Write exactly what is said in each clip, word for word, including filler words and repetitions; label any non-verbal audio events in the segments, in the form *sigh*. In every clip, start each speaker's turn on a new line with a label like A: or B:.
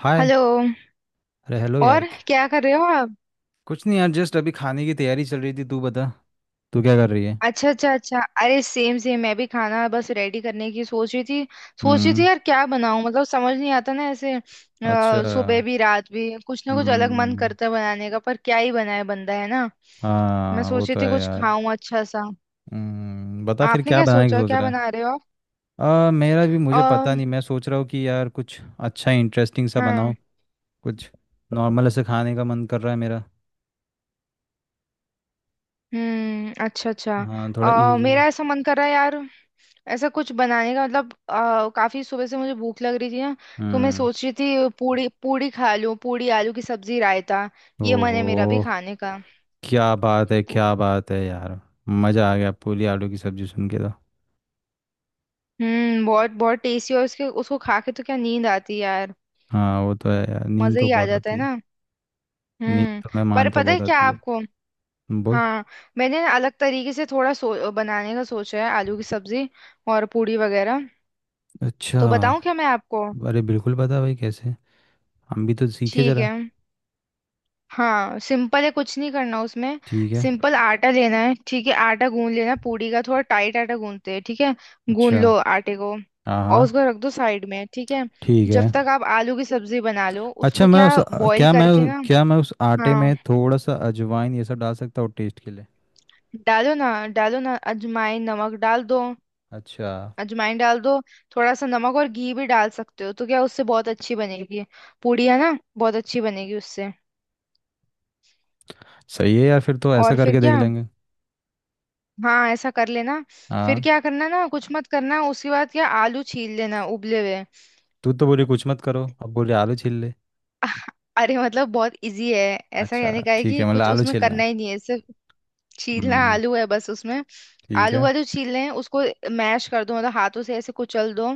A: हाय।
B: Hello.
A: अरे hello यार
B: और
A: क-
B: क्या कर रहे हो आप?
A: कुछ नहीं यार जस्ट अभी खाने की तैयारी चल रही थी। तू बता, तू क्या कर रही है।
B: अच्छा अच्छा अच्छा, अरे सेम सेम, मैं भी खाना बस रेडी करने की सोच रही थी। सोच रही थी
A: हम्म।
B: यार क्या बनाऊं, मतलब समझ नहीं आता ना ऐसे,
A: अच्छा।
B: अ, सुबह भी रात भी कुछ ना कुछ अलग मन
A: हम्म।
B: करता है बनाने का, पर क्या ही बनाए बंदा है ना। मैं
A: हाँ वो
B: सोच रही
A: तो
B: थी
A: है
B: कुछ
A: यार।
B: खाऊं अच्छा सा।
A: हम्म, बता फिर
B: आपने
A: क्या
B: क्या
A: बनाने की
B: सोचा,
A: सोच
B: क्या
A: रहा है।
B: बना रहे हो
A: आ, मेरा भी मुझे
B: आप?
A: पता नहीं,
B: अ,
A: मैं सोच रहा हूँ कि यार कुछ अच्छा इंटरेस्टिंग सा बनाओ।
B: हाँ।
A: कुछ नॉर्मल ऐसे खाने का मन कर रहा है मेरा।
B: हम्म, अच्छा अच्छा।
A: हाँ थोड़ा
B: आ,
A: इजी।
B: मेरा ऐसा मन कर रहा है यार, ऐसा कुछ बनाने का, मतलब आ, काफी सुबह से मुझे भूख लग रही थी ना। तो मैं
A: हम्म।
B: सोच रही थी पूड़ी पूड़ी खा लूं, पूड़ी आलू की सब्जी रायता। ये मन
A: ओहो,
B: है मेरा भी खाने का।
A: क्या बात है
B: पू-।
A: क्या बात है यार, मज़ा आ गया पूरी आलू की सब्जी सुन के तो।
B: हम्म, बहुत बहुत टेस्टी। और उसके उसको खा के तो क्या नींद आती है यार।
A: हाँ वो तो है यार, नींद
B: मजा
A: तो
B: ही आ
A: बहुत
B: जाता
A: आती
B: है
A: है।
B: ना।
A: नहीं
B: हम्म।
A: तो मैं
B: पर
A: मानता हूँ
B: पता है क्या
A: बताती है।
B: आपको?
A: बोल।
B: हाँ। मैंने ना अलग तरीके से थोड़ा सो, बनाने का सोचा है, आलू की सब्जी और पूड़ी वगैरह।
A: अच्छा।
B: तो बताऊं क्या मैं आपको?
A: अरे बिल्कुल बता भाई कैसे, हम भी तो सीखे
B: ठीक
A: जरा।
B: है। हाँ सिंपल है, कुछ नहीं करना उसमें।
A: ठीक है।
B: सिंपल आटा लेना है, ठीक है। आटा गूंद लेना, पूड़ी का थोड़ा टाइट आटा गूंदते हैं ठीक है। गूंद
A: अच्छा।
B: लो आटे को
A: हाँ
B: और
A: हाँ।
B: उसको रख दो साइड में, ठीक है।
A: ठीक
B: जब
A: है।
B: तक आप आलू की सब्जी बना लो
A: अच्छा
B: उसको
A: मैं
B: क्या
A: उस
B: बॉईल
A: क्या मैं
B: करके ना।
A: क्या मैं उस आटे
B: हाँ
A: में थोड़ा सा अजवाइन ये सब डाल सकता हूँ टेस्ट के लिए।
B: डालो ना, डालो ना अजवाइन नमक डाल दो,
A: अच्छा।
B: अजवाइन डाल दो। थोड़ा सा नमक और घी भी डाल सकते हो, तो क्या उससे बहुत अच्छी बनेगी, पूड़ी है ना। बहुत अच्छी बनेगी उससे।
A: सही है यार, फिर तो ऐसा
B: और फिर
A: करके देख
B: क्या,
A: लेंगे।
B: हाँ ऐसा कर लेना। फिर
A: हाँ।
B: क्या करना ना, कुछ मत करना। उसके बाद क्या आलू छील लेना उबले हुए।
A: तू तो बोली कुछ मत करो, अब बोली आलू छील ले।
B: *laughs* अरे मतलब बहुत इजी है। ऐसा
A: अच्छा,
B: कहने का है
A: ठीक
B: कि
A: है, मतलब
B: कुछ
A: आलू
B: उसमें
A: छीलना
B: करना
A: है।
B: ही नहीं है, सिर्फ छीलना
A: हम्म।
B: आलू है बस उसमें।
A: ठीक
B: आलू
A: है।
B: वालू छील लें उसको, मैश कर दो, मतलब हाथों से ऐसे कुचल दो,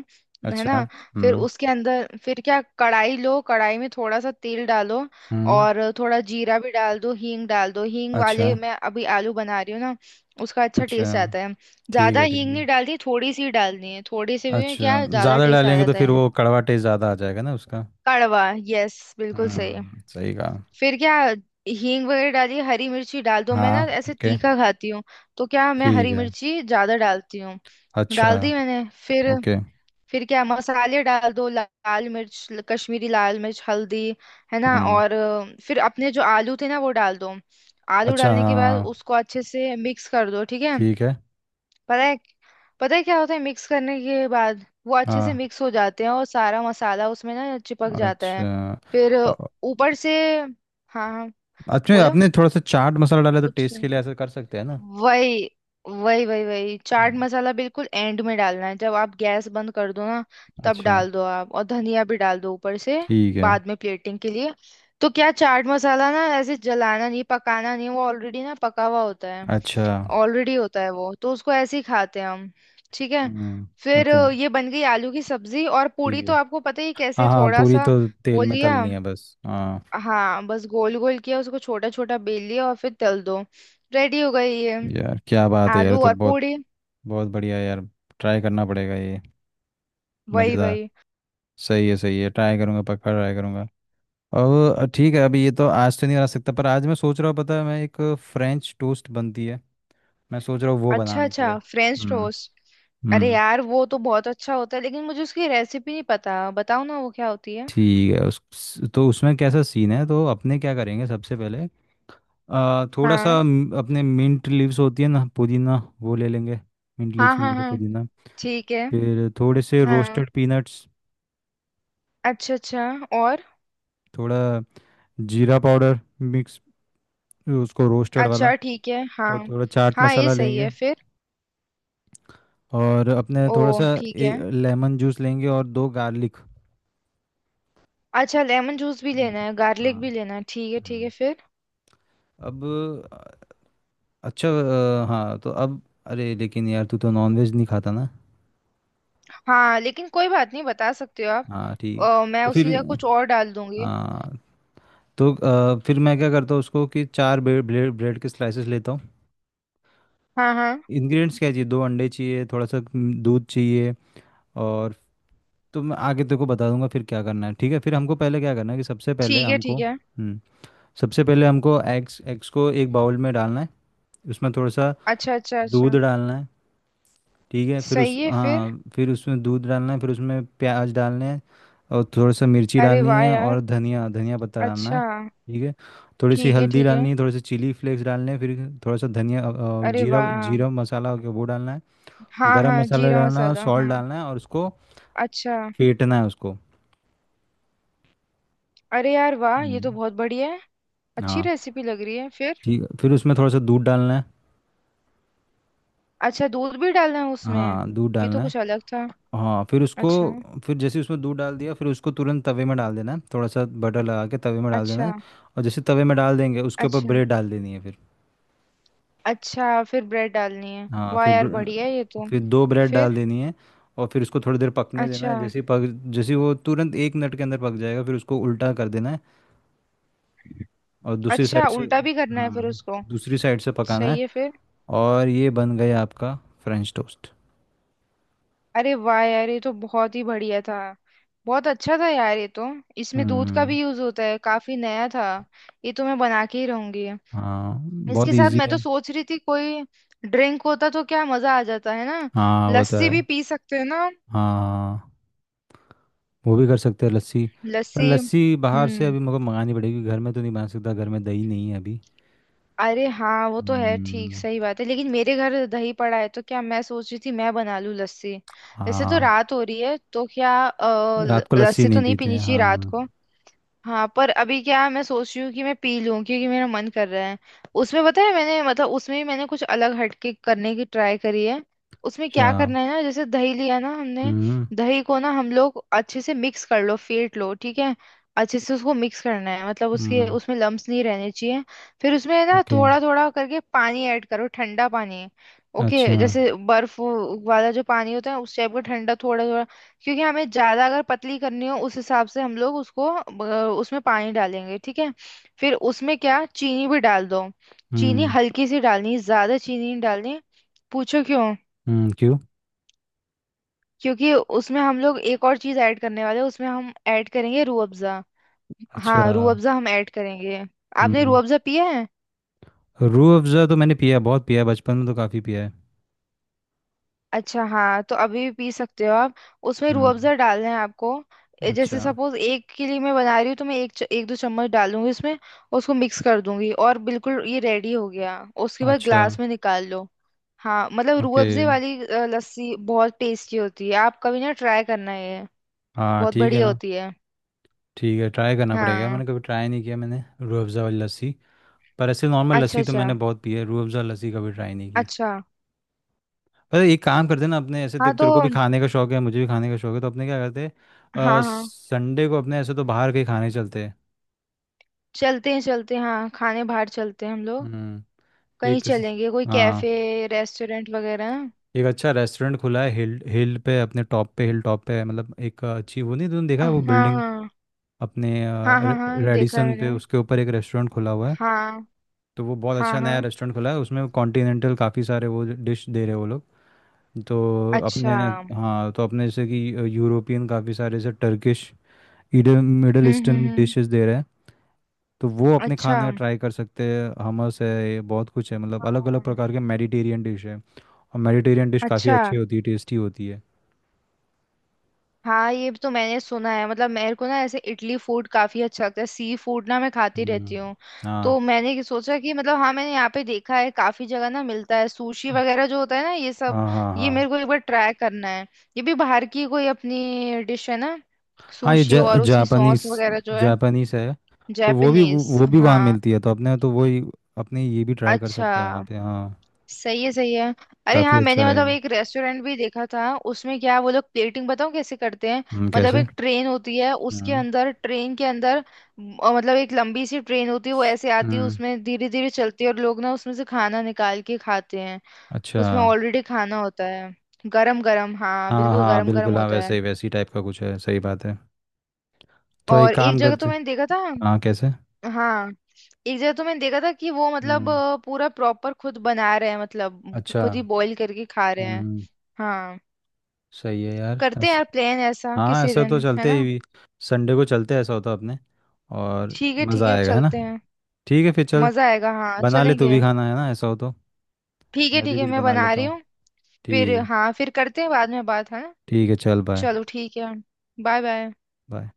B: है
A: अच्छा।
B: ना। फिर
A: हम्म।
B: उसके अंदर फिर क्या, कढ़ाई लो, कढ़ाई में थोड़ा सा तेल डालो
A: हम्म।
B: और थोड़ा जीरा भी डाल दो, हींग डाल दो। हींग
A: अच्छा
B: वाले मैं अभी आलू बना रही हूँ ना, उसका अच्छा
A: अच्छा।
B: टेस्ट आता है।
A: ठीक
B: ज्यादा
A: है ठीक
B: हींग
A: है।
B: नहीं डालती, थोड़ी सी ही डालनी है, थोड़ी सी भी
A: अच्छा,
B: क्या ज्यादा
A: ज़्यादा
B: टेस्ट आ
A: डालेंगे तो
B: जाता
A: फिर
B: है।
A: वो कड़वा टेस्ट ज़्यादा आ जाएगा ना उसका।
B: कड़वा, यस बिल्कुल सही।
A: हम्म, सही कहा।
B: फिर क्या, हींग वगैरह डाली, हरी मिर्ची डाल दो। मैं
A: हाँ।
B: ना ऐसे
A: ओके।
B: तीखा खाती हूँ तो क्या मैं
A: ठीक
B: हरी
A: है।
B: मिर्ची ज्यादा डालती हूँ।
A: अच्छा।
B: डाल दी मैंने। फिर
A: ओके।
B: फिर क्या मसाले डाल दो, ला- लाल मिर्च, ल- कश्मीरी लाल मिर्च हल्दी, है ना।
A: हम्म।
B: और अ, फिर अपने जो आलू थे ना वो डाल दो। आलू
A: अच्छा।
B: डालने के बाद
A: हाँ।
B: उसको अच्छे से मिक्स कर दो ठीक है।
A: ठीक है।
B: पता है, पता है क्या होता है मिक्स करने के बाद, वो अच्छे से
A: हाँ।
B: मिक्स हो जाते हैं और सारा मसाला उसमें ना चिपक जाता
A: अच्छा।
B: है। फिर
A: अ-
B: ऊपर से, हाँ हाँ।
A: अच्छा
B: बोलो।
A: आपने थोड़ा सा चाट मसाला डाला तो
B: कुछ।
A: टेस्ट के लिए ऐसा कर सकते हैं ना।
B: वही वही वही वही चाट
A: हम्म।
B: मसाला बिल्कुल एंड में डालना है जब आप गैस बंद कर दो ना, तब
A: अच्छा।
B: डाल दो आप। और धनिया भी डाल दो ऊपर से,
A: ठीक है।
B: बाद में प्लेटिंग के लिए। तो क्या चाट मसाला ना ऐसे जलाना नहीं पकाना नहीं, वो ऑलरेडी ना पका हुआ होता है।
A: अच्छा।
B: ऑलरेडी होता है वो तो, उसको ऐसे ही खाते हैं हम। ठीक है।
A: हम्म।
B: फिर
A: ओके।
B: अ, ये बन गई आलू की सब्जी। और पूड़ी
A: ठीक
B: तो
A: है।
B: आपको पता ही है
A: हाँ
B: कैसे,
A: हाँ,
B: थोड़ा
A: पूरी
B: सा
A: तो
B: वो
A: तेल में
B: लिया।
A: तलनी है बस। हाँ
B: हाँ बस गोल गोल किया उसको, छोटा छोटा बेल लिया और फिर तल दो। रेडी हो गई ये
A: यार क्या बात है यार, ये
B: आलू
A: तो
B: और
A: बहुत
B: पूरी।
A: बहुत बढ़िया है यार। ट्राई करना पड़ेगा ये।
B: वही
A: मज़ेदार।
B: वही।
A: सही है सही है, ट्राई करूंगा पक्का ट्राई करूंगा। अब ठीक है, अभी ये तो आज तो नहीं बना सकता, पर आज मैं सोच रहा हूँ पता है मैं एक फ्रेंच टोस्ट बनती है, मैं सोच रहा हूँ वो
B: अच्छा
A: बनाने के
B: अच्छा,
A: लिए।
B: French
A: hmm.
B: टोस्ट। अरे
A: हम्म।
B: यार वो तो बहुत अच्छा होता है, लेकिन मुझे उसकी रेसिपी नहीं पता, बताओ ना वो क्या होती है।
A: ठीक है उस, तो उसमें कैसा सीन है, तो अपने क्या करेंगे सबसे पहले आ, थोड़ा सा
B: हाँ
A: म- अपने मिंट लीव्स होती है ना पुदीना, वो ले लेंगे। मिंट
B: हाँ
A: लीव्स नहीं
B: हाँ।
A: है तो
B: हाँ
A: पुदीना।
B: ठीक है।
A: फिर थोड़े से
B: हाँ
A: रोस्टेड पीनट्स,
B: अच्छा अच्छा। और।
A: थोड़ा जीरा पाउडर मिक्स, उसको रोस्टेड वाला।
B: अच्छा ठीक है। हाँ
A: और थोड़ा चाट
B: हाँ ये
A: मसाला
B: सही
A: लेंगे।
B: है फिर।
A: और अपने
B: ओ
A: थोड़ा सा
B: ठीक है।
A: एक लेमन जूस लेंगे और दो गार्लिक।
B: अच्छा लेमन जूस भी
A: हम्म।
B: लेना है,
A: हाँ।
B: गार्लिक भी लेना है, ठीक है ठीक है
A: हम्म।
B: फिर।
A: अब अ, अच्छा अ, हाँ तो अब अरे लेकिन यार तू तो नॉनवेज नहीं खाता ना।
B: हाँ लेकिन कोई बात नहीं, बता सकते हो आप।
A: हाँ ठीक है।
B: अ, मैं
A: तो फिर
B: उसकी जगह कुछ और डाल दूंगी।
A: हाँ, तो अ, फिर मैं क्या करता हूँ उसको कि चार ब्रेड ब्रेड, ब्रेड के स्लाइसेस लेता हूँ।
B: हाँ हाँ।
A: इंग्रेडिएंट्स क्या चाहिए, दो अंडे चाहिए, थोड़ा सा हम्म, दूध चाहिए। और तो मैं आगे तेरे को बता दूंगा फिर क्या करना है, ठीक है। फिर हमको पहले क्या करना है कि सबसे पहले
B: ठीक है
A: हमको,
B: ठीक है।
A: हम्म, सबसे पहले हमको एग्स एग्स को एक बाउल में डालना है। उसमें थोड़ा सा
B: अच्छा अच्छा अच्छा।
A: दूध डालना है। ठीक है फिर उस,
B: सही है फिर।
A: हाँ फिर उसमें दूध डालना है, फिर उसमें प्याज डालने हैं और थोड़ा सा मिर्ची
B: अरे
A: डालनी
B: वाह
A: है
B: यार,
A: और धनिया धनिया पत्ता डालना
B: अच्छा।
A: है। ठीक है। थोड़ी सी
B: ठीक है
A: हल्दी
B: ठीक है।
A: डालनी है, थोड़े से चिली फ्लेक्स डालने हैं, फिर थोड़ा सा धनिया अ, अ,
B: अरे
A: जीरा,
B: वाह,
A: जीरा मसाला हो गया वो डालना है।
B: हाँ
A: गरम
B: हाँ
A: मसाला
B: जीरा
A: डालना है,
B: मसाला
A: सॉल्ट
B: हाँ।
A: डालना है, और उसको
B: अच्छा।
A: फेंटना है उसको।
B: अरे यार वाह, ये
A: हम्म।
B: तो बहुत बढ़िया है, अच्छी
A: हाँ
B: रेसिपी लग रही है फिर।
A: ठीक है, फिर उसमें थोड़ा सा दूध डालना है।
B: अच्छा दूध भी डालना है उसमें,
A: हाँ दूध
B: ये तो
A: डालना है।
B: कुछ अलग था।
A: हाँ फिर उसको,
B: अच्छा।
A: फिर जैसे उसमें दूध डाल दिया, फिर उसको तुरंत तवे में डाल देना है थोड़ा सा बटर लगा के तवे में डाल देना है।
B: अच्छा।
A: और जैसे तवे में डाल देंगे उसके ऊपर
B: अच्छा
A: ब्रेड डाल देनी है फिर।
B: अच्छा फिर ब्रेड डालनी है,
A: हाँ
B: वाह
A: फिर
B: यार बढ़िया है ये
A: ब्र-
B: तो।
A: फिर दो ब्रेड
B: फिर।
A: डाल देनी है, और फिर उसको थोड़ी देर पकने देना
B: अच्छा,
A: है। जैसे ही पक, जैसे ही वो तुरंत एक मिनट के अंदर पक जाएगा फिर उसको उल्टा कर देना है, और दूसरी
B: अच्छा
A: साइड से,
B: उल्टा भी करना है फिर
A: हाँ
B: उसको।
A: दूसरी साइड से पकाना
B: सही
A: है।
B: है फिर।
A: और ये बन गया आपका फ्रेंच टोस्ट।
B: अरे वाह यार, ये तो बहुत ही बढ़िया था, बहुत अच्छा था यार ये तो। इसमें दूध का
A: हम्म।
B: भी यूज होता है, काफी नया था। ये तो मैं बना के ही रहूंगी।
A: हाँ बहुत
B: इसके साथ
A: इजी
B: मैं
A: है।
B: तो सोच रही थी कोई ड्रिंक होता तो क्या मजा आ जाता है ना।
A: हाँ वो तो
B: लस्सी
A: है।
B: भी पी सकते हैं ना हम।
A: हाँ वो भी कर सकते हैं लस्सी। पर
B: लस्सी
A: लस्सी बाहर से
B: हम्म।
A: अभी मुझे मंगानी पड़ेगी, घर में तो नहीं बना सकता, घर में दही नहीं है अभी।
B: अरे हाँ वो तो है, ठीक
A: हम्म।
B: सही बात है। लेकिन मेरे घर दही पड़ा है तो क्या मैं सोच रही थी मैं बना लूं लस्सी। वैसे तो
A: हाँ।
B: रात हो रही है तो क्या अ, ल-
A: रात को लस्सी
B: लस्सी
A: नहीं
B: तो नहीं
A: पीते
B: पीनी चाहिए रात
A: हाँ।
B: को। हाँ पर अभी क्या है, मैं सोच रही हूँ कि मैं पी लूँ क्योंकि मेरा मन कर रहा है। उसमें पता है मैंने, मतलब उसमें भी मैंने कुछ अलग हटके करने की ट्राई करी है। उसमें
A: अच्छा।
B: क्या करना है ना, जैसे दही लिया ना हमने,
A: हम्म।
B: दही को ना हम लोग अच्छे से मिक्स कर लो फेंट लो ठीक है। अच्छे से उसको मिक्स करना है, मतलब उसके
A: हम्म।
B: उसमें लम्स नहीं रहने चाहिए। फिर उसमें ना
A: ओके।
B: थोड़ा थोड़ा करके पानी ऐड करो, ठंडा पानी।
A: अच्छा।
B: ओके जैसे बर्फ वाला जो पानी होता है, उस टाइप का ठंडा थोड़ा थोड़ा। क्योंकि हमें ज्यादा अगर पतली करनी हो उस हिसाब से हम लोग उसको अ, उसमें पानी डालेंगे ठीक है। फिर उसमें क्या, चीनी भी डाल दो, चीनी
A: हम्म।
B: हल्की सी डालनी, ज्यादा चीनी नहीं डालनी। पूछो क्यों।
A: हम्म क्यों।
B: क्योंकि उसमें हम लोग एक और चीज ऐड करने वाले हैं, उसमें हम ऐड करेंगे रूह अफ़ज़ा।
A: अच्छा।
B: हाँ रूह अफ़ज़ा हम ऐड करेंगे। आपने रूह
A: हम्म।
B: अफ़ज़ा पिया है?
A: रूह अफ़ज़ा तो मैंने पिया है, बहुत पिया है, बचपन में तो काफ़ी पिया है।
B: अच्छा हाँ तो अभी भी पी सकते हो आप, उसमें रूह
A: हम्म।
B: अफ़ज़ा डालना है आपको। ए,
A: अच्छा
B: जैसे सपोज एक के लिए मैं बना रही हूँ तो मैं एक च- एक दो चम्मच डालूंगी उसमें, उसको मिक्स कर दूंगी और बिल्कुल ये रेडी हो गया। उसके बाद
A: अच्छा।
B: ग्लास में निकाल लो। हाँ मतलब रूह
A: ओके।
B: अफ़ज़े वाली अ, लस्सी बहुत टेस्टी होती है, आप कभी ना ट्राई करना ये,
A: हाँ
B: बहुत
A: ठीक है
B: बढ़िया
A: ना।
B: होती है।
A: ठीक है ट्राई करना पड़ेगा,
B: हाँ
A: मैंने कभी ट्राई नहीं किया मैंने रूह अफ़ज़ा वाली लस्सी। पर ऐसे नॉर्मल
B: अच्छा
A: लस्सी तो
B: अच्छा।
A: मैंने बहुत पी है, रूह अफ़ज़ा लस्सी कभी ट्राई नहीं की।
B: अच्छा
A: पर एक काम करते हैं ना अपने, ऐसे
B: हाँ
A: देख
B: तो।
A: तेरे को भी खाने का शौक है मुझे भी खाने का शौक है, तो अपने क्या करते हैं, अ,
B: हाँ हाँ
A: संडे को अपने ऐसे तो बाहर कहीं खाने चलते हैं।
B: चलते हैं चलते हैं हाँ खाने बाहर चलते हैं हम लोग।
A: हम्म।
B: कहीं
A: एक,
B: चलेंगे कोई
A: हाँ
B: कैफे रेस्टोरेंट वगैरह।
A: एक अच्छा रेस्टोरेंट खुला है हिल हिल पे अपने टॉप पे, हिल टॉप पे, मतलब एक अ, अच्छी वो, नहीं तुमने देखा है
B: हाँ
A: वो बिल्डिंग
B: हाँ
A: अपने अ,
B: हाँ। हाँ
A: रे-
B: हाँ देखा है
A: रेडिसन
B: मैंने।
A: पे, उसके ऊपर एक रेस्टोरेंट खुला हुआ है।
B: हाँ
A: तो वो बहुत
B: हाँ
A: अच्छा नया
B: हाँ।
A: रेस्टोरेंट खुला है, उसमें कॉन्टिनेंटल काफ़ी सारे वो डिश दे रहे हैं वो लोग। तो
B: अच्छा।
A: अपने,
B: हम्म
A: हाँ तो अपने जैसे कि अ, यूरोपियन काफ़ी सारे जैसे टर्किश इडन Middle
B: hmm
A: Eastern
B: hmm.
A: Dishes दे रहे हैं, तो वो अपने
B: अच्छा।
A: खाने का ट्राई कर सकते हैं। हमस है, ये बहुत कुछ है, मतलब अलग अलग
B: हाँ।
A: प्रकार के मेडिटेरियन डिश है। और मेडिटेरियन डिश काफ़ी
B: अच्छा।
A: अच्छी होती है, टेस्टी होती है।
B: हाँ ये तो मैंने सुना है, मतलब मेरे को ना ऐसे इटली फूड काफी अच्छा लगता है, सी फूड ना मैं खाती
A: हम्म।
B: रहती हूँ।
A: हाँ
B: तो मैंने ये सोचा कि मतलब, हाँ मैंने यहाँ पे देखा है काफी जगह ना मिलता है सुशी वगैरह जो होता है ना ये सब।
A: हाँ हाँ।
B: ये
A: हाँ
B: मेरे को एक बार ट्राई करना है। ये भी बाहर की कोई अपनी डिश है ना,
A: हाँ ये
B: सुशी
A: जा,
B: और उसकी सॉस
A: जापानीस,
B: वगैरह जो है।
A: जापानीस है। तो वो भी, वो
B: जापानीज
A: वो भी वहाँ
B: हाँ।
A: मिलती है तो अपने तो वही, अपने ये भी ट्राई कर
B: अच्छा।
A: सकते हैं वहाँ पे हाँ।
B: सही है सही है। अरे
A: काफ़ी
B: हाँ
A: अच्छा
B: मैंने,
A: है।
B: मतलब एक रेस्टोरेंट भी देखा था उसमें क्या, वो लोग प्लेटिंग बताऊँ कैसे करते हैं।
A: हम्म,
B: मतलब
A: कैसे।
B: एक ट्रेन होती है, उसके
A: हम्म।
B: अंदर ट्रेन के अंदर म, अ, मतलब एक लंबी सी ट्रेन होती है, वो ऐसे आती है,
A: हम्म।
B: उसमें धीरे धीरे चलती है और लोग ना उसमें से खाना निकाल के खाते हैं।
A: अच्छा।
B: उसमें ऑलरेडी खाना होता है, गरम गरम हाँ
A: हाँ
B: बिल्कुल
A: हाँ
B: गरम गरम
A: बिल्कुल, हाँ
B: होता है।
A: वैसे ही वैसी टाइप का कुछ है, सही बात है। तो एक
B: और एक
A: काम
B: जगह तो
A: करते,
B: मैंने देखा था।
A: हाँ कैसे।
B: हाँ एक जगह तो मैंने देखा था कि वो मतलब
A: हम्म।
B: अ, पूरा प्रॉपर खुद बना रहे हैं, मतलब
A: अच्छा।
B: खुद ही बॉईल करके खा रहे हैं।
A: हम्म।
B: हाँ
A: सही है यार
B: करते हैं
A: ऐस,
B: यार प्लान ऐसा
A: हाँ
B: किसी
A: ऐसा
B: दिन,
A: तो
B: है
A: चलते
B: ना।
A: ही, संडे को चलते हैं, ऐसा होता अपने और
B: ठीक है ठीक
A: मज़ा
B: है
A: आएगा है ना।
B: चलते हैं।
A: ठीक है फिर चल,
B: मजा आएगा हाँ
A: बना ले तू भी
B: चलेंगे।
A: खाना है ना ऐसा हो तो,
B: ठीक है
A: मैं भी
B: ठीक है
A: कुछ
B: मैं
A: बना
B: बना
A: लेता
B: रही
A: हूँ।
B: हूँ। फिर
A: ठीक है
B: हाँ फिर करते हैं बाद में बात, है ना।
A: ठीक है। चल बाय।
B: चलो ठीक है। Bye bye.
A: बाय।